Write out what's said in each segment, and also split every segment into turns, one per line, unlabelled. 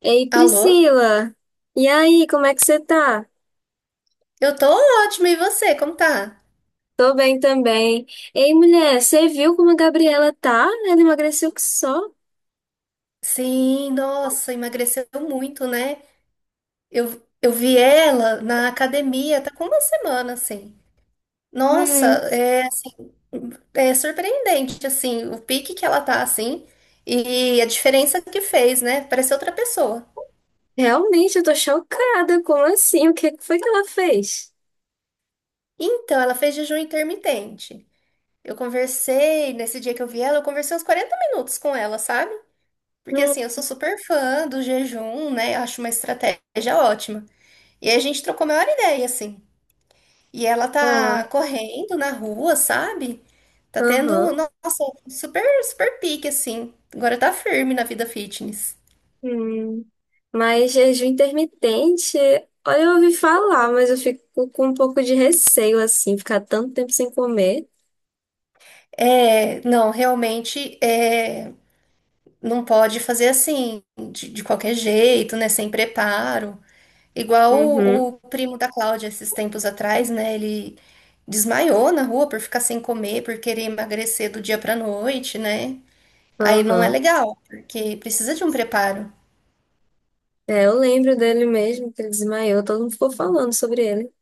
Ei,
Alô?
Priscila! E aí, como é que você tá?
Eu tô ótima, e você? Como tá?
Tô bem também. Ei, mulher, você viu como a Gabriela tá? Ela emagreceu que só.
Sim, nossa, emagreceu muito, né? Eu vi ela na academia, tá com uma semana, assim. Nossa,
Hum,
é, assim, é surpreendente, assim, o pique que ela tá, assim, e a diferença que fez, né? Parece outra pessoa.
realmente, eu tô chocada. Como assim? O que que foi que ela fez?
Então, ela fez jejum intermitente. Eu conversei, nesse dia que eu vi ela, eu conversei uns 40 minutos com ela, sabe? Porque,
Hum,
assim, eu sou super fã do jejum, né? Acho uma estratégia ótima. E a gente trocou a maior ideia, assim. E ela
ah,
tá correndo na rua, sabe? Tá tendo,
aham.
nossa, super, super pique, assim. Agora tá firme na vida fitness.
Hum. Mas jejum intermitente, olha, eu ouvi falar, mas eu fico com um pouco de receio, assim, ficar tanto tempo sem comer.
É, não, realmente, é, não pode fazer assim, de qualquer jeito, né? Sem preparo. Igual o
Uhum,
primo da Cláudia, esses tempos atrás, né? Ele desmaiou na rua por ficar sem comer, por querer emagrecer do dia pra noite, né? Aí não é
aham.
legal, porque precisa de um preparo.
É, eu lembro dele mesmo, que ele desmaiou, todo mundo ficou falando sobre ele.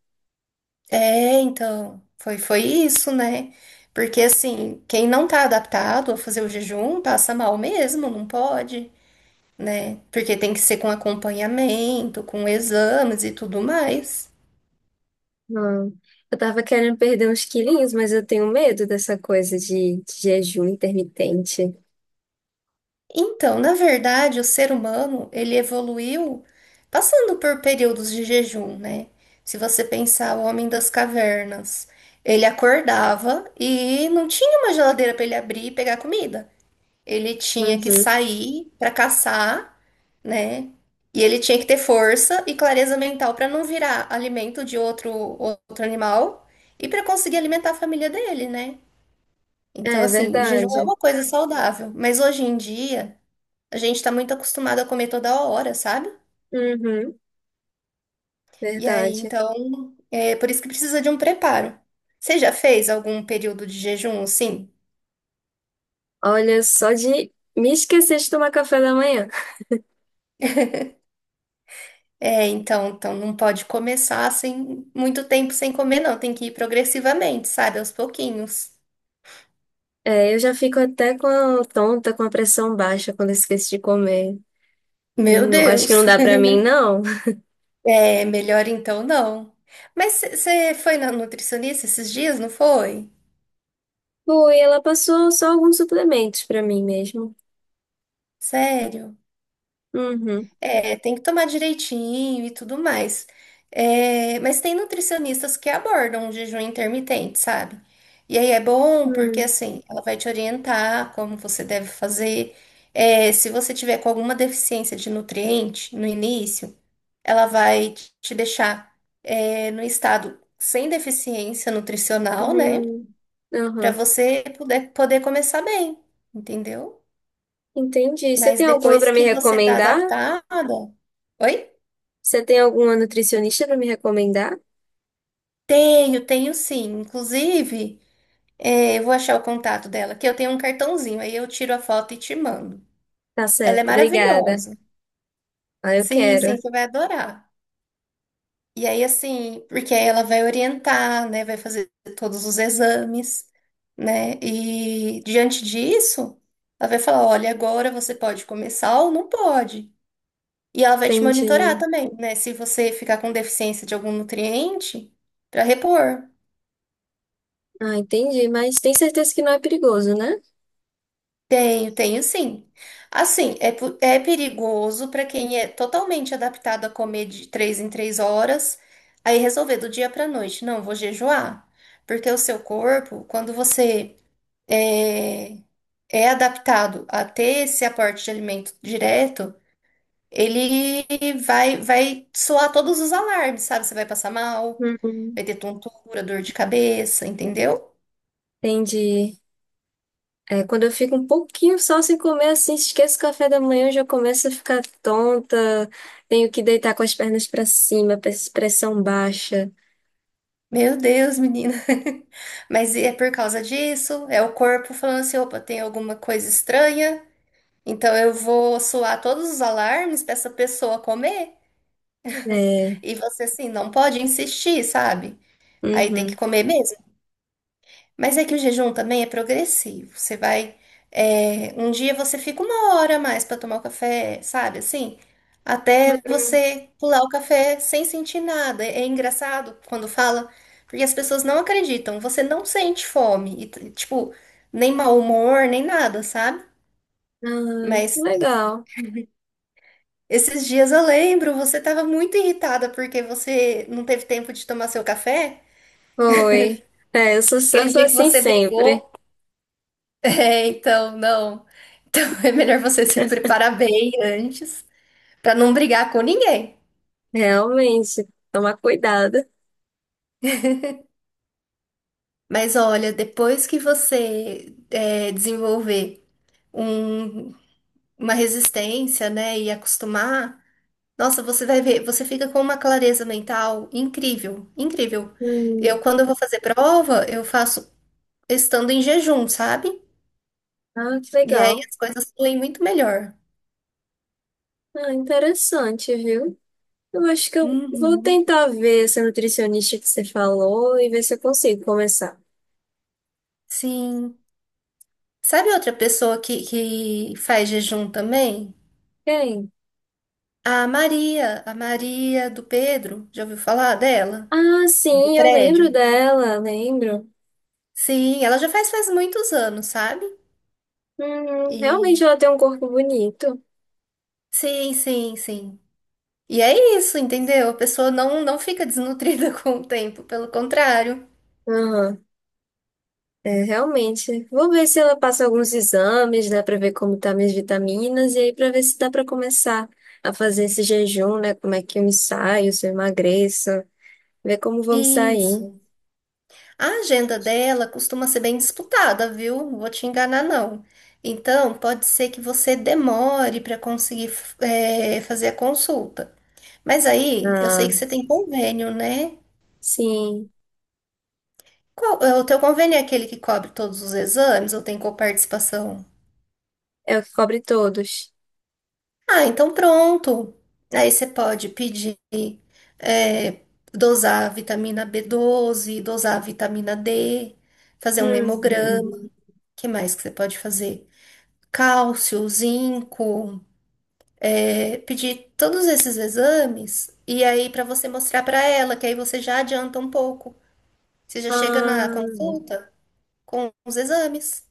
É, então, foi isso, né? Porque assim, quem não tá adaptado a fazer o jejum passa mal mesmo, não pode, né? Porque tem que ser com acompanhamento, com exames e tudo mais.
Ah, eu tava querendo perder uns quilinhos, mas eu tenho medo dessa coisa de jejum intermitente.
Então, na verdade, o ser humano, ele evoluiu passando por períodos de jejum, né? Se você pensar o homem das cavernas, ele acordava e não tinha uma geladeira para ele abrir e pegar comida. Ele tinha que
Uhum.
sair para caçar, né? E ele tinha que ter força e clareza mental para não virar alimento de outro animal e para conseguir alimentar a família dele, né? Então,
É
assim, o jejum é
verdade.
uma coisa saudável, mas hoje em dia a gente está muito acostumado a comer toda hora, sabe?
Uhum,
E aí,
verdade.
então, é por isso que precisa de um preparo. Você já fez algum período de jejum, assim?
Olha, só de me esquecer de tomar café da manhã.
É, então, então não pode começar sem muito tempo sem comer, não. Tem que ir progressivamente, sabe? Aos pouquinhos.
É, eu já fico até com tonta, com a pressão baixa quando eu esqueço de comer.
Meu
Não, acho que não
Deus!
dá pra mim, não.
É, melhor então não. Mas você foi na nutricionista esses dias, não foi?
Foi, ela passou só alguns suplementos pra mim mesmo.
Sério?
Uhum.
É, tem que tomar direitinho e tudo mais. É, mas tem nutricionistas que abordam o jejum intermitente, sabe? E aí é bom porque
Hum,
assim, ela vai te orientar como você deve fazer. É, se você tiver com alguma deficiência de nutriente no início, ela vai te deixar, é, no estado sem deficiência nutricional, né?
hum,
Para
aham.
você poder começar bem, entendeu?
Entendi. Você
Mas
tem alguma
depois
pra me
que você tá
recomendar?
adaptada, oi?
Você tem alguma nutricionista para me recomendar?
Tenho, tenho sim. Inclusive, eu vou achar o contato dela, que eu tenho um cartãozinho, aí eu tiro a foto e te mando.
Tá
Ela é
certo, obrigada.
maravilhosa.
Ah, eu
Sim, sim,
quero.
você vai adorar. E aí, assim, porque aí ela vai orientar, né? Vai fazer todos os exames, né? E diante disso, ela vai falar: olha, agora você pode começar ou não pode. E ela vai te monitorar
Entendi.
também, né? Se você ficar com deficiência de algum nutriente, para repor.
Ah, entendi, mas tem certeza que não é perigoso, né?
Tenho, tenho sim. Assim, é, é perigoso para quem é totalmente adaptado a comer de três em três horas, aí resolver do dia para noite. Não, vou jejuar. Porque o seu corpo, quando você é, é adaptado a ter esse aporte de alimento direto, ele vai soar todos os alarmes, sabe? Você vai passar mal.
Uhum.
Vai ter tontura, dor de cabeça, entendeu?
Entendi. É, quando eu fico um pouquinho só sem comer assim, esqueço o café da manhã, eu já começo a ficar tonta, tenho que deitar com as pernas para cima, pressão baixa.
Meu Deus, menina. Mas é por causa disso, é o corpo falando assim, opa, tem alguma coisa estranha, então eu vou soar todos os alarmes para essa pessoa comer.
É,
E você assim, não pode insistir, sabe? Aí tem
uhum.
que comer mesmo. Mas é que o jejum também é progressivo. Você vai. É, um dia você fica uma hora a mais para tomar o café, sabe? Assim, até você pular o café sem sentir nada. É, é engraçado quando fala, porque as pessoas não acreditam. Você não sente fome, e, tipo, nem mau humor, nem nada, sabe?
Ah, que
Mas
legal.
esses dias eu lembro, você tava muito irritada porque você não teve tempo de tomar seu café.
Oi. É, eu sou, eu
Aquele
sou
dia que
assim
você
sempre.
brigou. É, então, não. Então é melhor você se preparar bem antes, para não brigar com ninguém.
Realmente, tomar cuidado.
Mas olha, depois que você é, desenvolver um- uma resistência, né, e acostumar, nossa, você vai ver, você fica com uma clareza mental incrível, incrível. Eu,
Hum.
quando eu vou fazer prova, eu faço estando em jejum, sabe?
Ah, que
E aí
legal.
as coisas fluem muito melhor.
Ah, interessante, viu? Eu acho que eu vou
Uhum.
tentar ver essa nutricionista que você falou e ver se eu consigo começar.
Sim. Sabe outra pessoa que faz jejum também?
Quem?
A Maria do Pedro. Já ouviu falar dela?
Ah,
Do
sim, eu lembro
prédio?
dela, lembro.
Sim, ela já faz muitos anos, sabe? E
Realmente ela tem um corpo bonito.
sim, sim, sim. E é isso, entendeu? A pessoa não, não fica desnutrida com o tempo, pelo contrário.
Aham, é, realmente. Vou ver se ela passa alguns exames, né, pra ver como tá minhas vitaminas e aí pra ver se dá pra começar a fazer esse jejum, né, como é que eu me saio, se eu emagreço, ver como vou me sair.
Isso. A agenda dela costuma ser bem disputada, viu? Não vou te enganar, não. Então, pode ser que você demore para conseguir fazer a consulta. Mas aí, eu sei
Ah,
que você tem convênio, né?
sim,
Qual- é, o teu convênio é aquele que cobre todos os exames ou tem coparticipação?
é o que cobre todos.
Ah, então pronto. Aí você pode pedir, é, dosar a vitamina B12, dosar a vitamina D, fazer um hemograma.
Hum.
O que mais que você pode fazer? Cálcio, zinco, é, pedir todos esses exames e aí para você mostrar para ela, que aí você já adianta um pouco. Você já chega na
Ah,
consulta com os exames.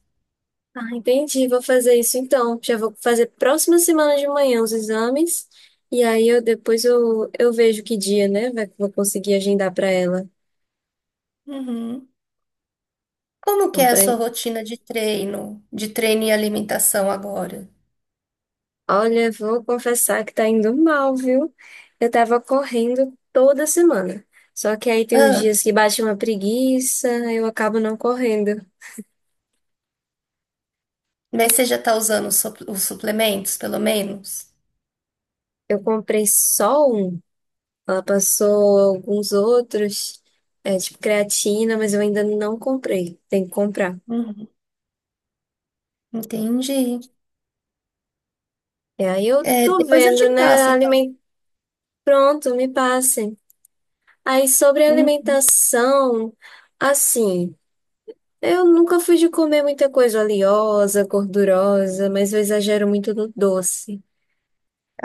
ah, entendi. Vou fazer isso então. Já vou fazer próxima semana de manhã os exames. E aí eu depois eu vejo que dia, né? Vou conseguir agendar para ela.
Uhum. Como que
Não
é
tá
a sua
aí.
rotina de treino e alimentação agora?
Olha, vou confessar que tá indo mal, viu? Eu tava correndo toda semana. Só que aí tem uns
Ah,
dias que bate uma preguiça, eu acabo não correndo.
mas você já está usando os os suplementos, pelo menos?
Eu comprei só um. Ela passou alguns outros, tipo creatina, mas eu ainda não comprei. Tem que comprar.
Uhum. Entendi.
E aí eu
É,
tô
depois eu te
vendo, né?
passo, então.
Aliment... Pronto, me passem. Aí sobre
Hum,
alimentação, assim, eu nunca fui de comer muita coisa oleosa, gordurosa, mas eu exagero muito no doce.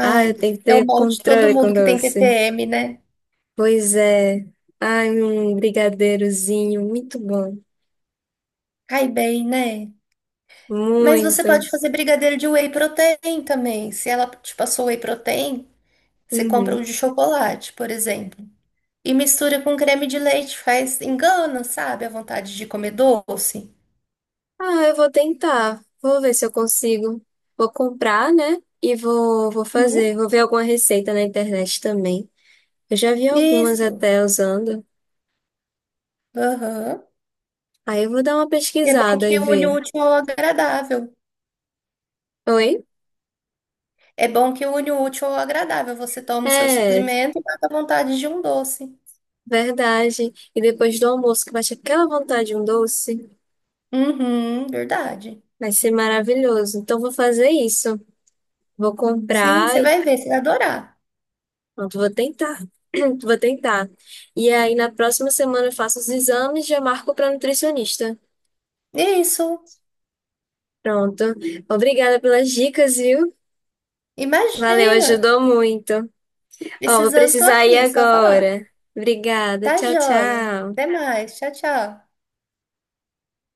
Ah,
Ai,
eu tenho que
é o
ter
molde de todo
controle com
mundo que tem
doce.
TPM, né?
Pois é. Ai, um brigadeirozinho, muito bom.
Cai bem, né? Mas você
Muito.
pode fazer brigadeiro de whey protein também. Se ela te passou whey protein, você compra
Uhum.
o de chocolate, por exemplo. E mistura com creme de leite, faz engana, sabe? A vontade de comer doce.
Ah, eu vou tentar. Vou ver se eu consigo. Vou comprar, né? E vou
Uhum.
fazer. Vou ver alguma receita na internet também. Eu já vi algumas
Isso.
até usando.
Aham.
Aí eu vou dar uma
E é bom
pesquisada
que
e
une o
ver.
útil ao agradável.
Oi?
É bom que une o útil ao agradável. Você toma o seu
É,
suplemento e mata a vontade de um doce.
verdade. E depois do almoço, que bate aquela vontade de um doce,
Uhum, verdade.
vai ser maravilhoso. Então vou fazer isso. Vou
Sim,
comprar.
você
e-
vai ver, você vai adorar.
Pronto, vou tentar. Vou tentar. E aí na próxima semana eu faço os exames e já marco para nutricionista.
Isso.
Pronto. Obrigada pelas dicas, viu? Valeu,
Imagina.
ajudou muito. Ó, vou
Precisando, tô
precisar ir
aqui, só falar.
agora. Obrigada.
Tá
Tchau,
joia. Até
tchau.
mais. Tchau, tchau.